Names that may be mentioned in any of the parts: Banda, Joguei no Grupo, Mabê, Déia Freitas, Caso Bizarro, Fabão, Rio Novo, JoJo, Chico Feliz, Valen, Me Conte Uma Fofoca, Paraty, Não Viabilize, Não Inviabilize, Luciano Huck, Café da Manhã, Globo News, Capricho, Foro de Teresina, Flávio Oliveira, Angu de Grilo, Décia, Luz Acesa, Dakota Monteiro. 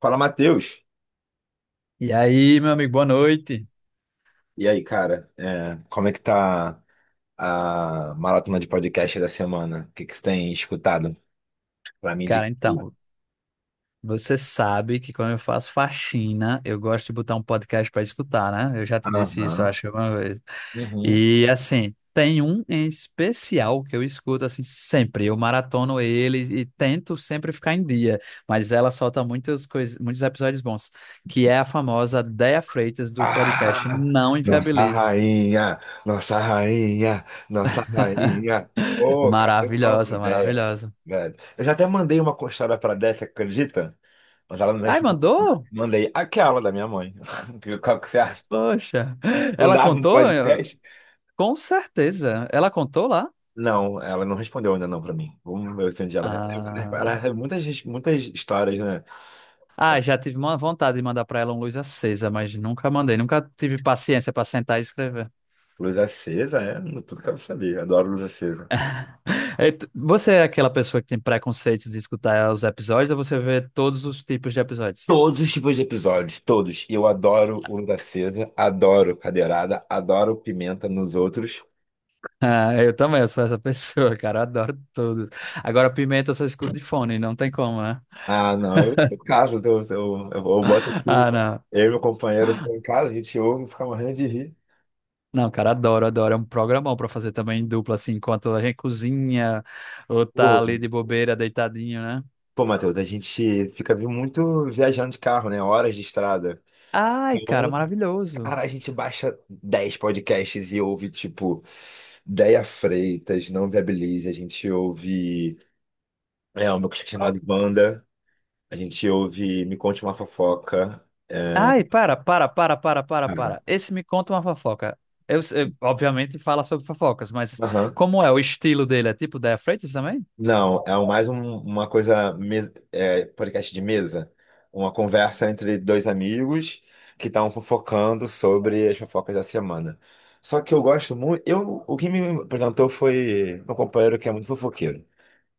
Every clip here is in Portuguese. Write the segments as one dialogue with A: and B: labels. A: Fala, Matheus.
B: E aí, meu amigo, boa noite.
A: E aí, cara, como é que tá a maratona de podcast da semana? O que que você tem escutado pra mim
B: Cara,
A: de...
B: então, você sabe que quando eu faço faxina, eu gosto de botar um podcast para escutar, né? Eu já te disse isso, eu
A: Aham.
B: acho, uma vez.
A: Uhum.
B: E assim, tem um em especial que eu escuto assim sempre. Eu maratono ele e tento sempre ficar em dia, mas ela solta muitas coisas, muitos episódios bons, que é a famosa Déia Freitas do podcast
A: Ah,
B: Não
A: nossa
B: Inviabilize.
A: rainha, nossa rainha, nossa rainha. Ô, cara, eu amo
B: Maravilhosa,
A: ideia,
B: maravilhosa.
A: velho. Eu já até mandei uma costada pra Décia, acredita? Mas ela não
B: Ai,
A: respondeu.
B: mandou?
A: Mandei aquela da minha mãe. Qual que você acha?
B: Poxa,
A: Não
B: ela
A: dava um
B: contou?
A: podcast?
B: Com certeza. Ela contou lá?
A: Não, ela não respondeu ainda não para mim. Vamos ver se um dia ela
B: Ah,
A: recebe muitas, muitas histórias, né?
B: ah,
A: É,
B: já tive uma vontade de mandar pra ela um luz acesa, mas nunca mandei, nunca tive paciência pra sentar e escrever.
A: luz acesa, é tudo que eu sabia. Adoro luz acesa.
B: É, Você é aquela pessoa que tem preconceitos de escutar os episódios ou você vê todos os tipos de episódios?
A: Todos os tipos de episódios, todos. Eu adoro o luz acesa, adoro cadeirada, adoro pimenta nos outros.
B: Ah, eu também, eu sou essa pessoa, cara, eu adoro todos. Agora, Pimenta eu só escuto de fone, não tem como, né?
A: Ah, não, eu sou em casa, então eu boto
B: Ah,
A: aqui.
B: não.
A: Eu e meu companheiro estamos em casa, a gente ouve e fica morrendo de rir.
B: Não, cara, adoro, adoro. É um programão pra fazer também em dupla, assim, enquanto a gente cozinha ou tá
A: Pô,
B: ali de bobeira, deitadinho, né?
A: pô, Matheus, a gente fica muito viajando de carro, né? Horas de estrada.
B: Ai, cara,
A: Então,
B: maravilhoso.
A: cara, a gente baixa 10 podcasts e ouve, tipo, Déia Freitas, Não Viabilize. A gente ouve o meu cachorro
B: Qual
A: chamado
B: que-
A: Banda. A gente ouve Me Conte Uma Fofoca. É,
B: Ai, para, para, para, para, para,
A: cara.
B: para. Esse me conta uma fofoca. Obviamente fala sobre fofocas, mas
A: Aham.
B: como é o estilo dele? É tipo Déa Freitas também?
A: Não, é mais uma coisa, podcast de mesa. Uma conversa entre dois amigos que estavam fofocando sobre as fofocas da semana. Só que eu gosto muito. Eu, o que me apresentou foi meu companheiro que é muito fofoqueiro.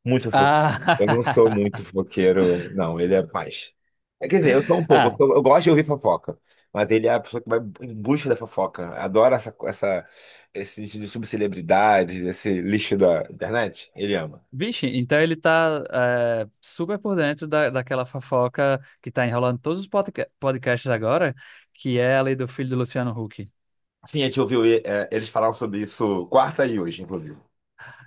A: Muito fofoqueiro. Eu não sou
B: Ah,
A: muito fofoqueiro, não. Ele é mais. É, quer dizer, eu sou um pouco.
B: ah,
A: Eu gosto de ouvir fofoca. Mas ele é a pessoa que vai em busca da fofoca. Adora essa, esse de subcelebridades, esse lixo da internet. Ele ama.
B: vixe, então ele tá super por dentro da, daquela fofoca que tá enrolando todos os podcasts agora, que é a lei do filho do Luciano Huck.
A: Sim, a gente ouviu eles falaram sobre isso quarta e hoje, inclusive.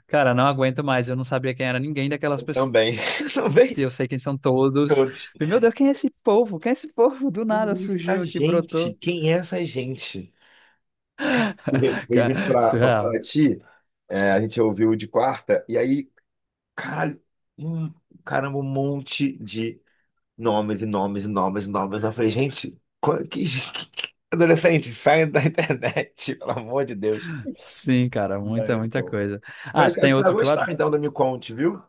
B: Cara, não aguento mais, eu não sabia quem era ninguém daquelas pessoas.
A: Também. Também
B: Eu sei quem são todos.
A: todos.
B: E, Meu Deus, quem é esse povo? Quem é esse povo? Do
A: Quem
B: nada
A: é
B: surgiu
A: essa
B: aqui,
A: gente?
B: brotou.
A: Quem é essa gente? E veio veio
B: Cara,
A: vindo pra, pra
B: surreal.
A: Paraty, a gente ouviu de quarta, e aí caralho, hum, caramba, um monte de nomes e nomes e nomes e nomes. Eu falei, gente, qual- que- adolescente, saia da internet, pelo amor de Deus.
B: Sim, cara,
A: Não, é
B: muita,
A: muito
B: muita
A: bom.
B: coisa. Ah,
A: Mas acho
B: tem
A: que tu vai
B: outro que
A: gostar, então, do Me Conte, viu?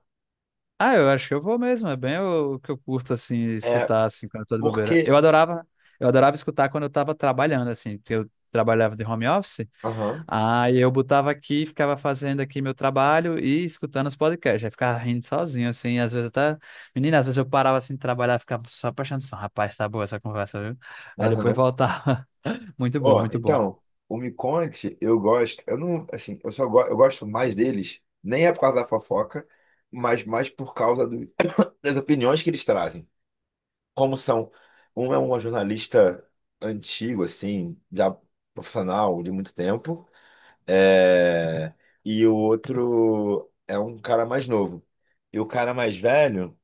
B: Ah, eu acho que eu vou mesmo. É bem o que eu curto, assim,
A: É,
B: escutar, assim, quando eu tô de bobeira.
A: porque...
B: Eu adorava escutar quando eu tava trabalhando, assim, porque eu trabalhava de home office.
A: Aham,
B: Aí eu botava aqui, ficava fazendo aqui meu trabalho e escutando os podcasts. Aí ficava rindo sozinho, assim, às vezes até... Menina, às vezes eu parava, assim, de trabalhar, ficava só prestando atenção. Rapaz, tá boa essa conversa, viu? Aí depois
A: aham.
B: voltava. Muito bom,
A: Ó,
B: muito bom.
A: então, o Me Conte, eu gosto... Eu não, assim, eu gosto mais deles, nem é por causa da fofoca, mas mais por causa do- das opiniões que eles trazem. Como são. Um é uma jornalista antigo, assim, já profissional de muito tempo, é, e o outro é um cara mais novo. E o cara mais velho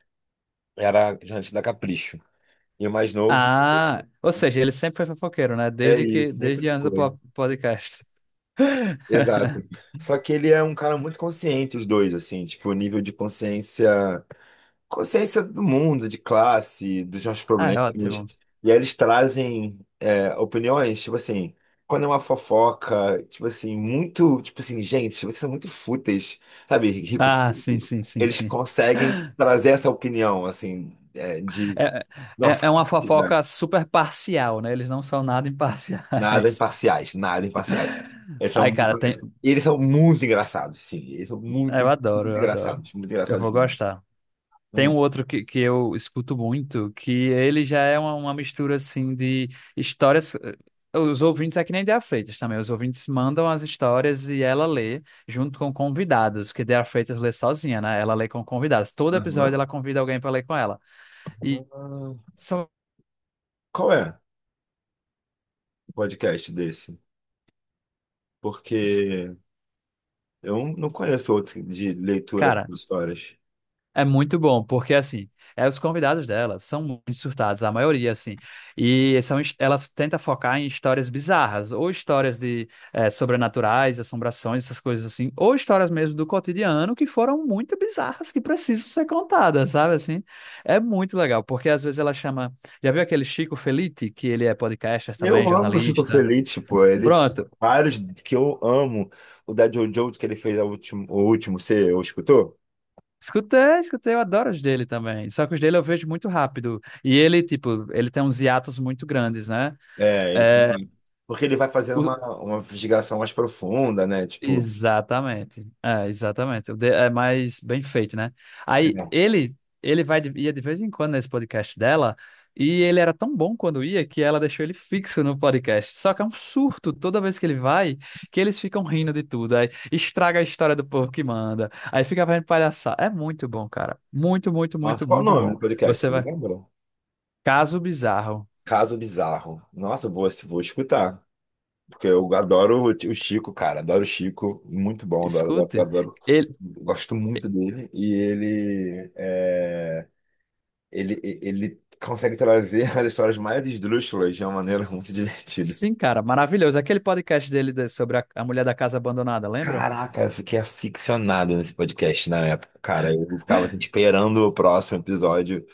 A: era jornalista da Capricho. E o mais novo
B: Ah, ou seja, ele sempre foi fofoqueiro, né?
A: é isso, sempre
B: Desde antes do
A: foi.
B: podcast.
A: Exato. Só que ele é um cara muito consciente, os dois, assim, tipo, o nível de consciência. Consciência do mundo, de classe, dos nossos
B: Ah,
A: problemas.
B: é ótimo.
A: E aí eles trazem é, opiniões, tipo assim, quando é uma fofoca, tipo assim, muito, tipo assim, gente, vocês são muito fúteis, sabe? Rico,
B: Ah, sim,
A: fútil.
B: sim, sim,
A: Eles
B: sim.
A: conseguem trazer essa opinião, assim, é, de,
B: É,
A: nossa,
B: é
A: que
B: uma
A: vida.
B: fofoca super parcial, né? Eles não são nada
A: Nada
B: imparciais.
A: imparciais, nada imparciais. Eles são
B: Ai,
A: muito,
B: cara, tem.
A: e eles são muito engraçados, sim, eles são
B: Eu
A: muito,
B: adoro, eu adoro.
A: muito
B: Eu
A: engraçados
B: vou
A: mesmo.
B: gostar. Tem um
A: Hum.
B: outro que eu escuto muito, que ele já é uma mistura assim de histórias. Os ouvintes é que nem Dea Freitas também. Os ouvintes mandam as histórias e ela lê junto com convidados, porque Dea Freitas lê sozinha, né? Ela lê com convidados. Todo episódio
A: Aham.
B: ela convida alguém para ler com ela. E
A: Ah,
B: são.
A: qual é? Podcast desse, porque eu não conheço outro de leitura
B: Cara,
A: de histórias.
B: é muito bom, porque assim, os convidados dela são muito surtados, a maioria, assim. E são, ela tenta focar em histórias bizarras, ou histórias de sobrenaturais, assombrações, essas coisas assim, ou histórias mesmo do cotidiano que foram muito bizarras, que precisam ser contadas, sabe assim? É muito legal, porque às vezes ela chama. Já viu aquele Chico Felitti, que ele é podcaster
A: Eu
B: também,
A: amo o Chico
B: jornalista?
A: Feliz, tipo, ele
B: Pronto.
A: vários que eu amo. O da JoJo que ele fez a último, o último, você escutou?
B: Escutei, escutei, eu adoro os dele também. Só que os dele eu vejo muito rápido. E ele, tipo, ele tem uns hiatos muito grandes, né?
A: É, ele tem
B: É,
A: porque ele vai fazendo
B: o-
A: uma investigação mais profunda, né? Tipo,
B: exatamente. É, exatamente. É mais bem feito, né? Aí
A: é.
B: ele vai ia de vez em quando nesse podcast dela e ele era tão bom quando ia que ela deixou ele fixo no podcast. Só que é um surto toda vez que ele vai, que eles ficam rindo de tudo. Aí estraga a história do povo que manda. Aí fica vendo palhaçada. É muito bom, cara. Muito, muito,
A: Nossa,
B: muito,
A: qual é o
B: muito
A: nome
B: bom.
A: do podcast?
B: Você
A: Você
B: vai.
A: lembra?
B: Caso bizarro.
A: Caso Bizarro. Nossa, eu vou, vou escutar. Porque eu adoro o tio Chico, cara. Adoro o Chico. Muito bom, adoro, adoro,
B: Escute.
A: adoro. Gosto muito dele. E ele, é, ele consegue trazer as histórias mais esdrúxulas de uma maneira muito divertida.
B: Sim, cara, maravilhoso. Aquele podcast dele sobre a mulher da casa abandonada, lembra?
A: Caraca, eu fiquei aficionado nesse podcast na época, cara. Eu ficava assim, esperando o próximo episódio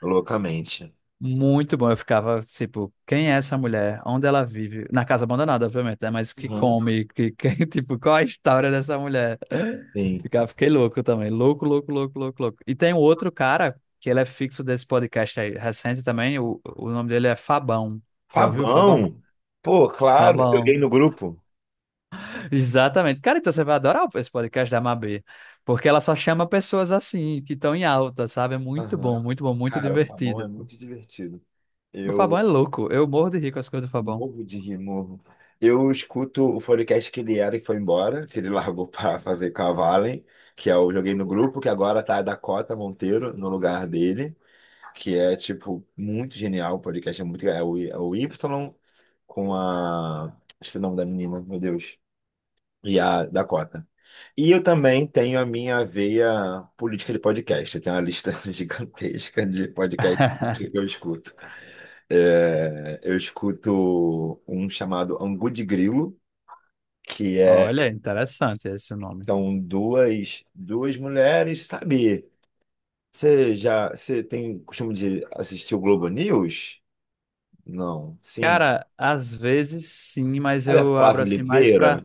A: loucamente.
B: Muito bom. Eu ficava tipo, quem é essa mulher? Onde ela vive? Na casa abandonada, obviamente, né? Mas que
A: Uhum.
B: come, tipo, qual a história dessa mulher?
A: Sim.
B: Ficava, fiquei louco também. Louco, louco, louco, louco, louco. E tem um outro cara que ele é fixo desse podcast aí, recente também. O nome dele é Fabão. Já ouviu o Fabão?
A: Fabão! Pô, claro, eu joguei
B: Fabão.
A: no grupo.
B: Exatamente. Cara, então você vai adorar esse podcast da Mabê, porque ela só chama pessoas assim, que estão em alta, sabe? É muito bom,
A: Aham.
B: muito bom, muito
A: Cara, o Fabão é
B: divertido.
A: muito divertido.
B: O Fabão
A: Eu
B: é louco, eu morro de rir com as coisas do Fabão.
A: novo de Rio Novo. Eu escuto o podcast que ele era e foi embora, que ele largou para fazer com a Valen, que eu joguei no grupo, que agora tá a Dakota Monteiro no lugar dele, que é, tipo, muito genial. O podcast é muito. É o, é o Y com a. Esse nome da menina, meu Deus. E a Dakota. E eu também tenho a minha veia política de podcast. Eu tenho uma lista gigantesca de podcasts que eu escuto. É, eu escuto um chamado Angu de Grilo, que é,
B: Olha, interessante esse nome.
A: são duas, duas mulheres, sabe? Você já, você tem costume de assistir o Globo News? Não, sim.
B: Cara, às vezes sim, mas
A: Olha,
B: eu abro
A: Flávio
B: assim
A: Oliveira,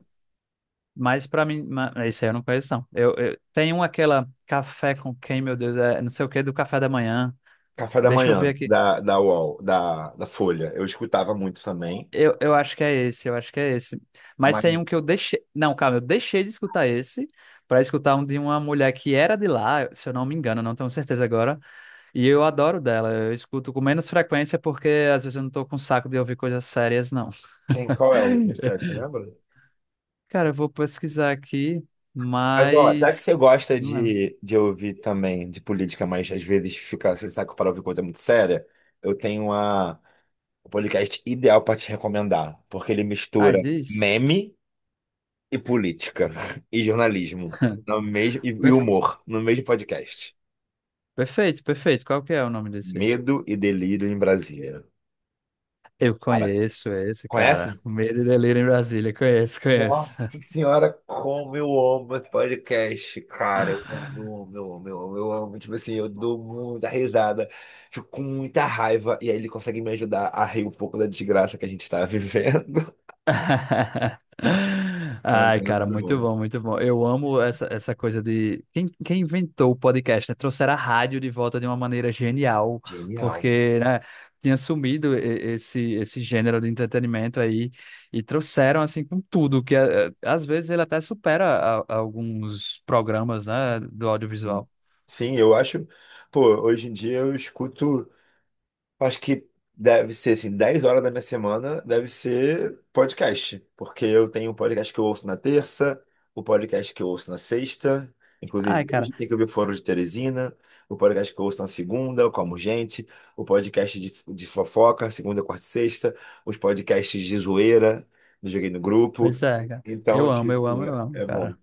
B: mais pra mim. Esse aí eu não conheço, não. Eu tenho aquela café com quem, meu Deus, é não sei o que, do café da manhã.
A: Café da
B: Deixa eu ver
A: Manhã,
B: aqui.
A: da UOL, da Folha. Eu escutava muito também.
B: Eu acho que é esse, eu acho que é esse. Mas
A: Mas
B: tem um que eu deixei. Não, calma, eu deixei de escutar esse pra escutar um de uma mulher que era de lá, se eu não me engano, não tenho certeza agora. E eu adoro dela. Eu escuto com menos frequência porque às vezes eu não tô com saco de ouvir coisas sérias, não.
A: quem, qual é o podcast, você lembra?
B: Cara, eu vou pesquisar aqui,
A: Mas, ó, já que você
B: mas.
A: gosta
B: Não lembro.
A: de ouvir também de política, mas às vezes fica, você sabe que para ouvir coisa muito séria, eu tenho a... O podcast ideal para te recomendar, porque ele
B: Ah,
A: mistura
B: diz.
A: meme e política e jornalismo no mesmo e
B: Perfe-
A: humor no mesmo podcast.
B: Perfeito, perfeito. Qual que é o nome desse?
A: Medo e Delírio em Brasília.
B: Eu
A: Cara,
B: conheço esse, cara.
A: conhece?
B: Medo e Delírio em Brasília. Conheço, conheço.
A: Nossa senhora, como eu amo esse podcast, cara. Eu amo, eu amo, eu amo, eu amo. Tipo assim, eu dou muita risada, fico com muita raiva, e aí ele consegue me ajudar a rir um pouco da desgraça que a gente está vivendo. Ah,
B: Ai,
A: meu
B: cara, muito
A: Deus.
B: bom, muito bom. Eu amo essa, essa coisa de. Quem, quem inventou o podcast, né? Trouxeram a rádio de volta de uma maneira genial,
A: Genial.
B: porque, né, tinha sumido esse, esse gênero de entretenimento aí e trouxeram, assim, com tudo, que às vezes ele até supera alguns programas, né, do audiovisual.
A: Sim, eu acho. Pô, hoje em dia eu escuto. Acho que deve ser assim, 10 horas da minha semana deve ser podcast. Porque eu tenho um podcast que eu ouço na terça, o podcast que eu ouço na sexta.
B: Ai,
A: Inclusive,
B: cara,
A: hoje tem que ouvir Foro de Teresina, o podcast que eu ouço na segunda, eu como gente, o podcast de fofoca, segunda, quarta e sexta, os podcasts de zoeira, do Joguei no Grupo.
B: pois é, cara.
A: Então,
B: Eu amo,
A: tipo,
B: eu amo, eu amo,
A: é bom.
B: cara.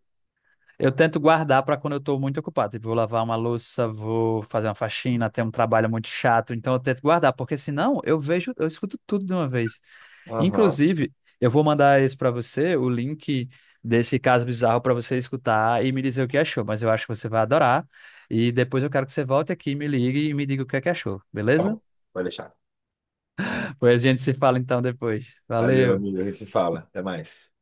B: Eu tento guardar para quando eu tô muito ocupado. Tipo, vou lavar uma louça, vou fazer uma faxina, tem um trabalho muito chato, então eu tento guardar, porque senão eu vejo, eu escuto tudo de uma vez.
A: Aham,
B: Inclusive, eu vou mandar esse para você, o link desse caso bizarro para você escutar e me dizer o que achou, mas eu acho que você vai adorar. E depois eu quero que você volte aqui, me ligue e me diga o que é que achou,
A: tá
B: beleza?
A: bom, vai deixar.
B: Pois a gente se fala então depois.
A: Valeu,
B: Valeu.
A: amigo. A gente se fala. Até mais.